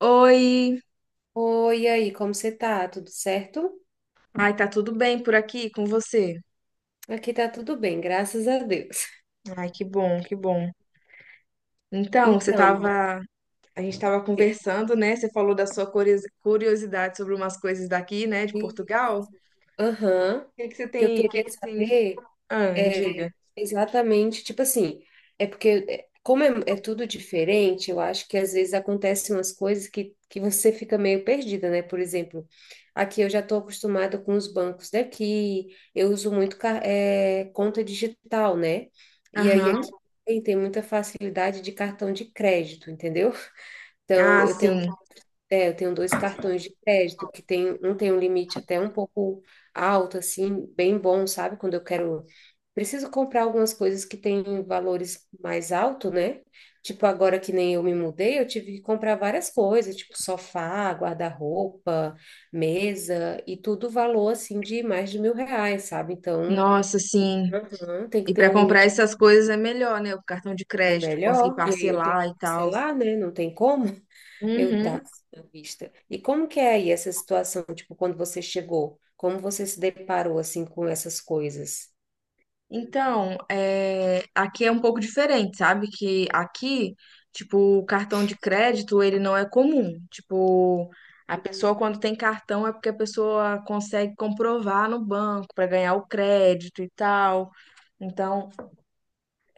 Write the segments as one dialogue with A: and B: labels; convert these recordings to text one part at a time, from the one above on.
A: Oi,
B: Oi, e aí, como você tá? Tudo certo?
A: ai, tá tudo bem por aqui com você?
B: Aqui tá tudo bem, graças a Deus.
A: Ai, que bom, que bom. Então,
B: Então,
A: a gente tava
B: amiga,
A: conversando, né? Você falou da sua curiosidade sobre umas coisas daqui, né, de
B: e-
A: Portugal. O
B: aham, o
A: que que você
B: que eu
A: tem, o que
B: queria
A: que tem?
B: saber
A: Ah,
B: é
A: diga.
B: exatamente, tipo assim, é porque é, como é, é tudo diferente. Eu acho que às vezes acontecem umas coisas que você fica meio perdida, né? Por exemplo, aqui eu já tô acostumada com os bancos daqui. Eu uso muito conta digital, né? E aí
A: Aham.
B: aqui tem muita facilidade de cartão de crédito, entendeu? Então,
A: Ah, sim.
B: eu tenho dois cartões de crédito, que tem um limite até um pouco alto, assim, bem bom, sabe? Quando eu quero, preciso comprar algumas coisas que têm valores mais alto, né? Tipo, agora que nem eu me mudei, eu tive que comprar várias coisas, tipo sofá, guarda-roupa, mesa, e tudo valor, assim, de mais de 1.000 reais, sabe? Então,
A: Nossa, sim.
B: uhum, tem que
A: E
B: ter
A: pra
B: um
A: comprar
B: limite.
A: essas coisas é melhor, né? O cartão de
B: É
A: crédito, conseguir
B: melhor, e aí eu tenho
A: parcelar
B: que
A: e tal.
B: parcelar, né? Não tem como. Meu
A: Uhum.
B: Deus, à vista. E como que é aí essa situação, tipo, quando você chegou? Como você se deparou, assim, com essas coisas?
A: Então, é, aqui é um pouco diferente, sabe? Que aqui, tipo, o cartão de crédito, ele não é comum. Tipo, a pessoa
B: Hum,
A: quando tem cartão é porque a pessoa consegue comprovar no banco para ganhar o crédito e tal. Então,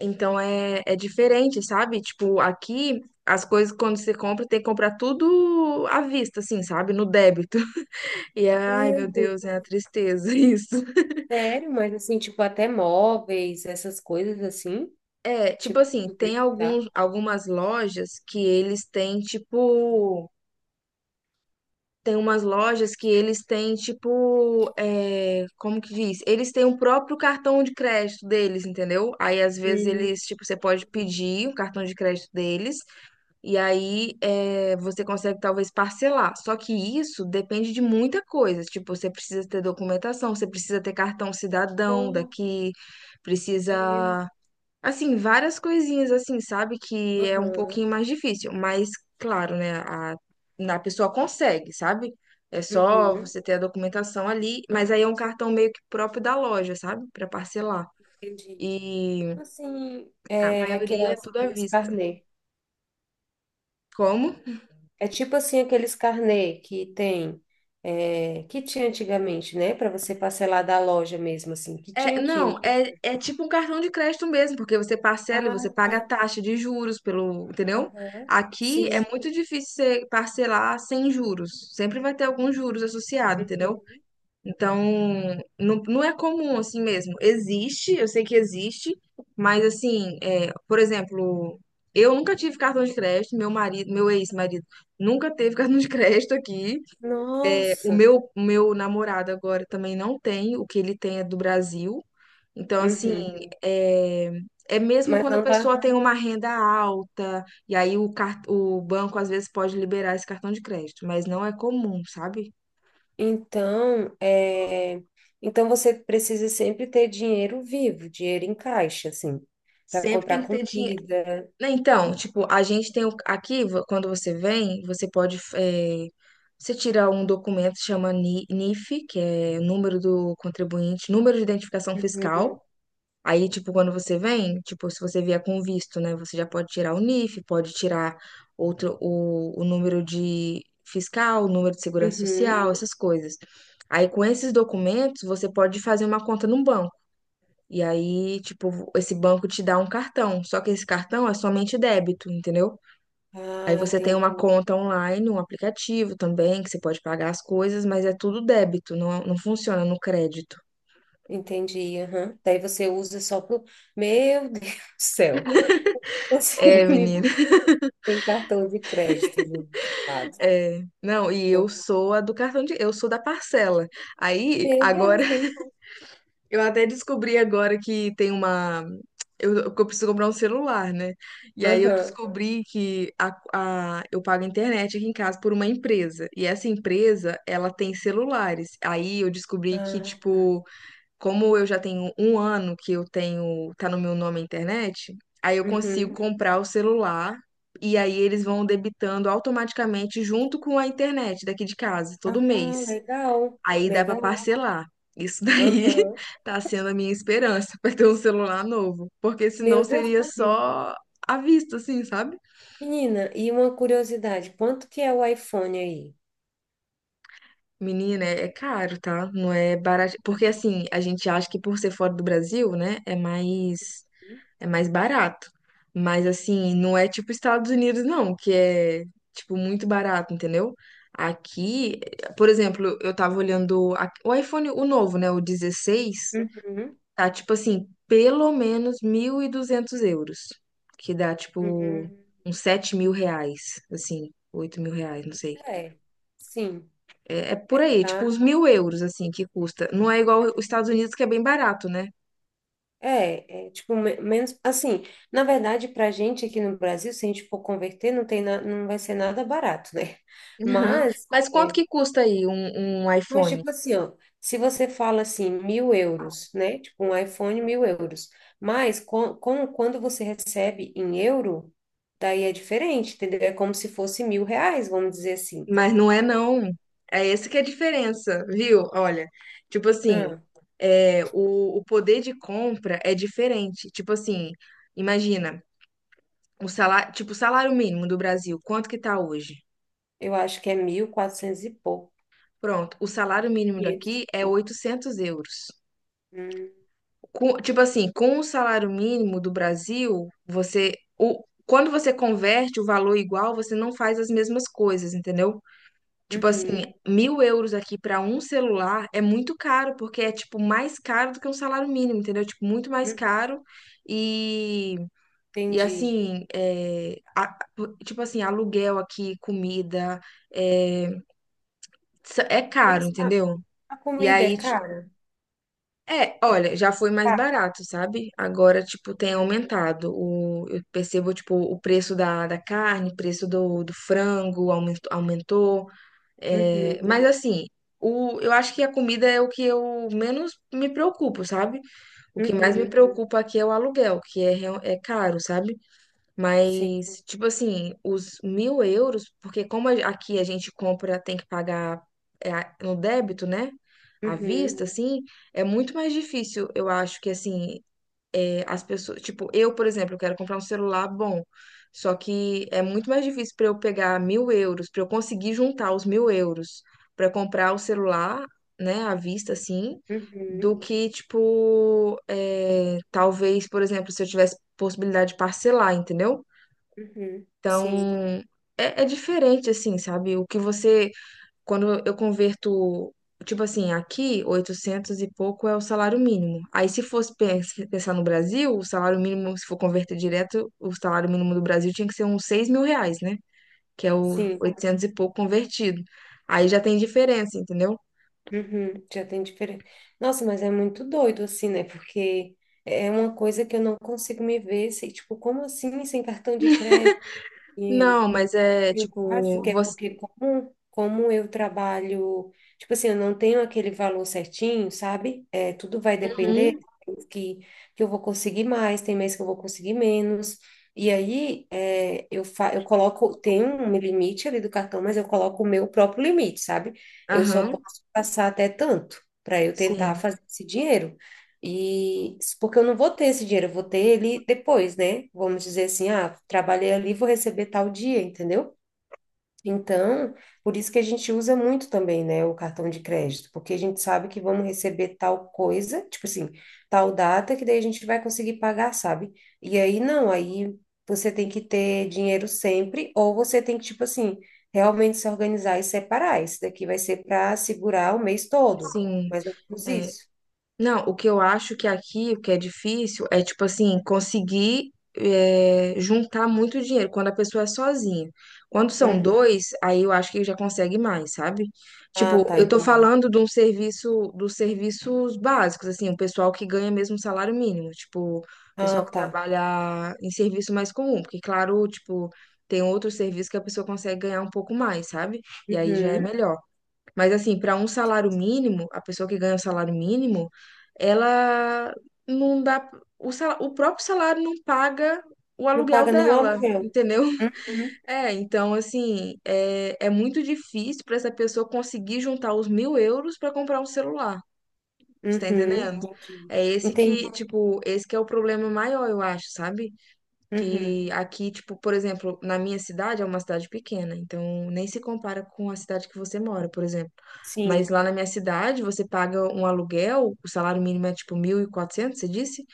A: então, é diferente, sabe? Tipo, aqui as coisas quando você compra, tem que comprar tudo à vista, assim, sabe? No débito. E ai,
B: Meu
A: meu
B: Deus.
A: Deus, é uma tristeza isso.
B: Sério? Mas, assim, tipo, até móveis, essas coisas, assim?
A: É, tipo
B: Tipo, se
A: assim,
B: tu
A: tem
B: precisar.
A: algumas lojas que eles têm, tipo. Tem umas lojas que eles têm, tipo, é, como que diz? Eles têm o próprio cartão de crédito deles, entendeu? Aí, às vezes,
B: Hum.
A: eles, tipo, você pode pedir o cartão de crédito deles, e aí é, você consegue, talvez, parcelar. Só que isso depende de muita coisa. Tipo, você precisa ter documentação, você precisa ter cartão cidadão
B: Oh,
A: daqui,
B: mesmo.
A: precisa. Assim, várias coisinhas assim, sabe? Que é um
B: Aham.
A: pouquinho mais difícil, mas claro, né? A pessoa consegue, sabe? É só
B: Uhum.
A: você ter a documentação ali, mas aí é um cartão meio que próprio da loja, sabe? Pra parcelar.
B: Entendi.
A: E
B: Assim,
A: a
B: é
A: maioria é tudo à
B: aqueles
A: vista.
B: carnês.
A: Como?
B: É tipo assim aqueles carnê que tem, que tinha antigamente, né? Para você parcelar da loja mesmo, assim, que
A: É,
B: tinha aqui, né?
A: não, é tipo um cartão de crédito mesmo, porque você
B: Ah,
A: parcela e você paga a
B: tá.
A: taxa de juros pelo, entendeu?
B: Aham.
A: Aqui é
B: Sim.
A: muito difícil você parcelar sem juros. Sempre vai ter alguns juros associados, entendeu?
B: Uhum.
A: Então, não, não é comum assim mesmo. Existe, eu sei que existe, mas assim, é, por exemplo, eu nunca tive cartão de crédito, meu marido, meu ex-marido nunca teve cartão de crédito aqui. É, o
B: Nossa.
A: meu, o meu namorado agora também não tem, o que ele tem é do Brasil. Então, assim,
B: Uhum.
A: é, mesmo
B: Mas
A: quando a
B: não dá.
A: pessoa tem uma renda alta, e aí o banco às vezes pode liberar esse cartão de crédito, mas não é comum, sabe?
B: Então, é, então você precisa sempre ter dinheiro vivo, dinheiro em caixa, assim, para
A: Sempre tem
B: comprar
A: que ter dinheiro.
B: comida.
A: Né? Então, tipo, a gente tem aqui, quando você vem, você pode, você tira um documento que chama NIF, que é o número do contribuinte, número de identificação
B: Uhum.
A: fiscal. Aí, tipo, quando você vem, tipo, se você vier com visto, né, você já pode tirar o NIF, pode tirar outro, o número de fiscal, o número de segurança
B: Uhum.
A: social, essas coisas. Aí, com esses documentos, você pode fazer uma conta num banco. E aí, tipo, esse banco te dá um cartão, só que esse cartão é somente débito, entendeu? Aí
B: Ah,
A: você tem
B: entendi.
A: uma conta online, um aplicativo também, que você pode pagar as coisas, mas é tudo débito, não, não funciona no crédito.
B: Entendi. Aham. Daí você usa só pro. Meu Deus do céu. Consigo
A: É,
B: me ver
A: menina,
B: sem cartão de crédito, gente amado.
A: é. Não, e eu
B: Não.
A: sou a do cartão de, eu sou da parcela. Aí,
B: Meu
A: agora,
B: Deus, né?
A: eu até descobri agora que tem uma. Que eu preciso comprar um celular, né? E aí eu
B: Aham.
A: descobri que eu pago a internet aqui em casa por uma empresa. E essa empresa, ela tem celulares. Aí eu descobri que,
B: Ah,
A: tipo, como eu já tenho um ano que eu tenho, tá no meu nome a internet, aí eu consigo
B: uhum.
A: comprar o celular e aí eles vão debitando automaticamente junto com a internet daqui de casa, todo
B: Ah,
A: mês.
B: legal.
A: Aí dá pra
B: Legal.
A: parcelar. Isso daí
B: Aham.
A: tá sendo a minha esperança pra ter um celular novo, porque senão
B: Meu Deus,
A: seria
B: pupila.
A: só à vista, assim, sabe?
B: Menina, e uma curiosidade, quanto que é o iPhone aí?
A: Menina, é caro, tá? Não é barato, porque assim, a gente acha que por ser fora do Brasil, né, é mais barato. Mas assim, não é tipo Estados Unidos não, que é tipo muito barato, entendeu? Aqui, por exemplo, eu tava olhando o iPhone, o novo, né, o 16.
B: Uhum.
A: Tá, tipo assim, pelo menos 1.200 euros. Que dá, tipo,
B: Uhum.
A: uns 7.000 reais, assim, 8.000 reais, não sei.
B: É, sim,
A: É por aí, tipo,
B: tá?
A: uns 1.000 euros, assim, que custa. Não é igual os Estados Unidos, que é bem barato, né?
B: É, é tipo, menos, assim, na verdade, pra gente aqui no Brasil, se a gente for converter, não vai ser nada barato, né?
A: Aham.
B: Mas,
A: Mas quanto
B: é,
A: que custa aí um
B: Mas,
A: iPhone?
B: tipo assim, ó, se você fala assim, 1.000 euros, né? Tipo, um iPhone, 1.000 euros. Mas, quando você recebe em euro, daí é diferente, entendeu? É como se fosse 1.000 reais, vamos dizer assim.
A: Mas não é não. É essa que é a diferença, viu? Olha, tipo assim,
B: Ah,
A: é, o poder de compra é diferente. Tipo assim, imagina, o salário, tipo, o salário mínimo do Brasil, quanto que tá hoje?
B: eu acho que é mil quatrocentos e pouco,
A: Pronto, o salário mínimo
B: quinhentos
A: daqui
B: e
A: é
B: pouco.
A: 800 euros.
B: Hum,
A: Tipo assim, com o salário mínimo do Brasil, você, quando você converte o valor igual, você não faz as mesmas coisas, entendeu? Tipo assim,
B: uhum,
A: 1.000 euros aqui para um celular é muito caro, porque é tipo mais caro do que um salário mínimo, entendeu? Tipo, muito mais
B: uhum,
A: caro. E, e
B: entendi.
A: assim, é, tipo assim, aluguel aqui, comida. é, É caro,
B: Mas
A: entendeu?
B: a
A: E
B: comida é
A: aí,
B: cara?
A: olha, já foi mais
B: Ah,
A: barato, sabe? Agora, tipo, tem aumentado. O, eu percebo, tipo, o preço da carne, o preço do frango aumentou, aumentou.
B: uhum,
A: Mas, uhum, assim, o, eu acho que a comida é o que eu menos me preocupo, sabe? O que mais me, uhum,
B: uhum,
A: preocupa aqui é o aluguel, que é, é caro, sabe?
B: sim.
A: Mas, tipo assim, os 1.000 euros, porque como aqui a gente compra, tem que pagar no débito, né? À
B: Uhum,
A: vista, assim, é muito mais difícil, eu acho que, assim, é, as pessoas. Tipo, eu, por exemplo, eu quero comprar um celular bom, só que é muito mais difícil para eu pegar 1.000 euros, para eu conseguir juntar os 1.000 euros para comprar o celular, né, à vista, assim, do
B: uhum,
A: que, tipo, é, talvez, por exemplo, se eu tivesse possibilidade de parcelar, entendeu?
B: uhum, sim.
A: Então, é diferente, assim, sabe? O que você, quando eu converto, tipo assim, aqui, 800 e pouco é o salário mínimo. Aí, se fosse pensar no Brasil, o salário mínimo, se for converter direto, o salário mínimo do Brasil tinha que ser uns 6.000 reais, né? Que é o
B: Sim.
A: 800 e pouco convertido. Aí já tem diferença, entendeu?
B: Uhum, já tem diferença. Nossa, mas é muito doido assim, né? Porque é uma coisa que eu não consigo me ver, se, tipo, como assim sem cartão de crédito, dinheiro?
A: Não, mas é
B: Eu acho
A: tipo,
B: que é
A: você.
B: porque como, como eu trabalho, tipo assim, eu não tenho aquele valor certinho, sabe? É, tudo vai depender
A: Uhum,
B: que, que eu vou conseguir mais, tem mês que eu vou conseguir menos. E aí é, eu coloco, tem um limite ali do cartão, mas eu coloco o meu próprio limite, sabe? Eu só
A: aham,
B: posso passar até tanto para eu tentar
A: sim,
B: fazer esse dinheiro. E porque eu não vou ter esse dinheiro, eu vou ter ele depois, né? Vamos dizer assim, ah, trabalhei ali, vou receber tal dia, entendeu? Então, por isso que a gente usa muito também, né, o cartão de crédito, porque a gente sabe que vamos receber tal coisa, tipo assim, tal data, que daí a gente vai conseguir pagar, sabe? E aí não, aí você tem que ter dinheiro sempre, ou você tem que, tipo assim, realmente se organizar e separar. Esse daqui vai ser para segurar o mês todo,
A: sim.
B: mais ou menos
A: É.
B: isso.
A: Não, o que eu acho que aqui, o que é difícil, é tipo assim, conseguir juntar muito dinheiro quando a pessoa é sozinha. Quando são
B: Uhum.
A: dois, aí eu acho que já consegue mais, sabe?
B: Ah,
A: Tipo,
B: tá,
A: eu tô
B: entendi.
A: falando de um serviço, dos serviços básicos, assim, o pessoal que ganha mesmo um salário mínimo, tipo, o
B: Ah,
A: pessoal que
B: tá.
A: trabalha em serviço mais comum, porque claro, tipo, tem outros serviços que a pessoa consegue ganhar um pouco mais, sabe? E aí já é
B: Uhum.
A: melhor. Mas assim, para um salário mínimo, a pessoa que ganha o salário mínimo, ela não dá. O próprio salário não paga o
B: Não
A: aluguel
B: paga nenhum
A: dela,
B: aluguel.
A: entendeu?
B: Uhum.
A: É, então assim, é muito difícil para essa pessoa conseguir juntar os 1.000 euros para comprar um celular. Você tá
B: Uhum.
A: entendendo?
B: Entendi.
A: É esse
B: Entendi.
A: que, tipo, esse que é o problema maior, eu acho, sabe?
B: Uhum.
A: Que aqui, tipo, por exemplo, na minha cidade é uma cidade pequena, então nem se compara com a cidade que você mora, por exemplo. Mas
B: Sim.
A: lá na minha cidade, você paga um aluguel, o salário mínimo é tipo 1.400 você disse?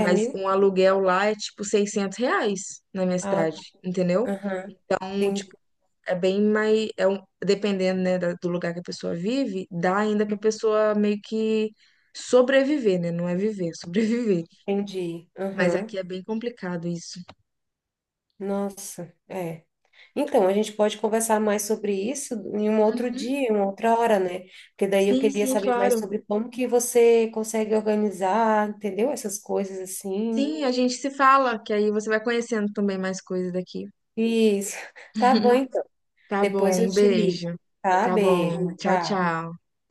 B: É mil?
A: um aluguel lá é tipo 600 reais na minha
B: Ah, tá.
A: cidade, entendeu?
B: Aham.
A: Então,
B: Entendi.
A: tipo, é bem mais. É um, dependendo, né, do lugar que a pessoa vive, dá ainda pra pessoa meio que sobreviver, né? Não é viver, é sobreviver.
B: Entendi.
A: Mas
B: Aham.
A: aqui é bem complicado isso.
B: Nossa, é. Então, a gente pode conversar mais sobre isso em um outro
A: Uhum.
B: dia, em uma outra hora, né? Porque daí eu
A: Sim,
B: queria
A: sim,
B: saber mais
A: claro.
B: sobre como que você consegue organizar, entendeu? Essas coisas assim.
A: Sim, a gente se fala, que aí você vai conhecendo também mais coisas daqui.
B: Isso. Tá bom, então.
A: Tá bom,
B: Depois eu
A: um
B: te ligo,
A: beijo.
B: tá?
A: Tá
B: Beijo.
A: bom, tchau,
B: Tchau.
A: tchau.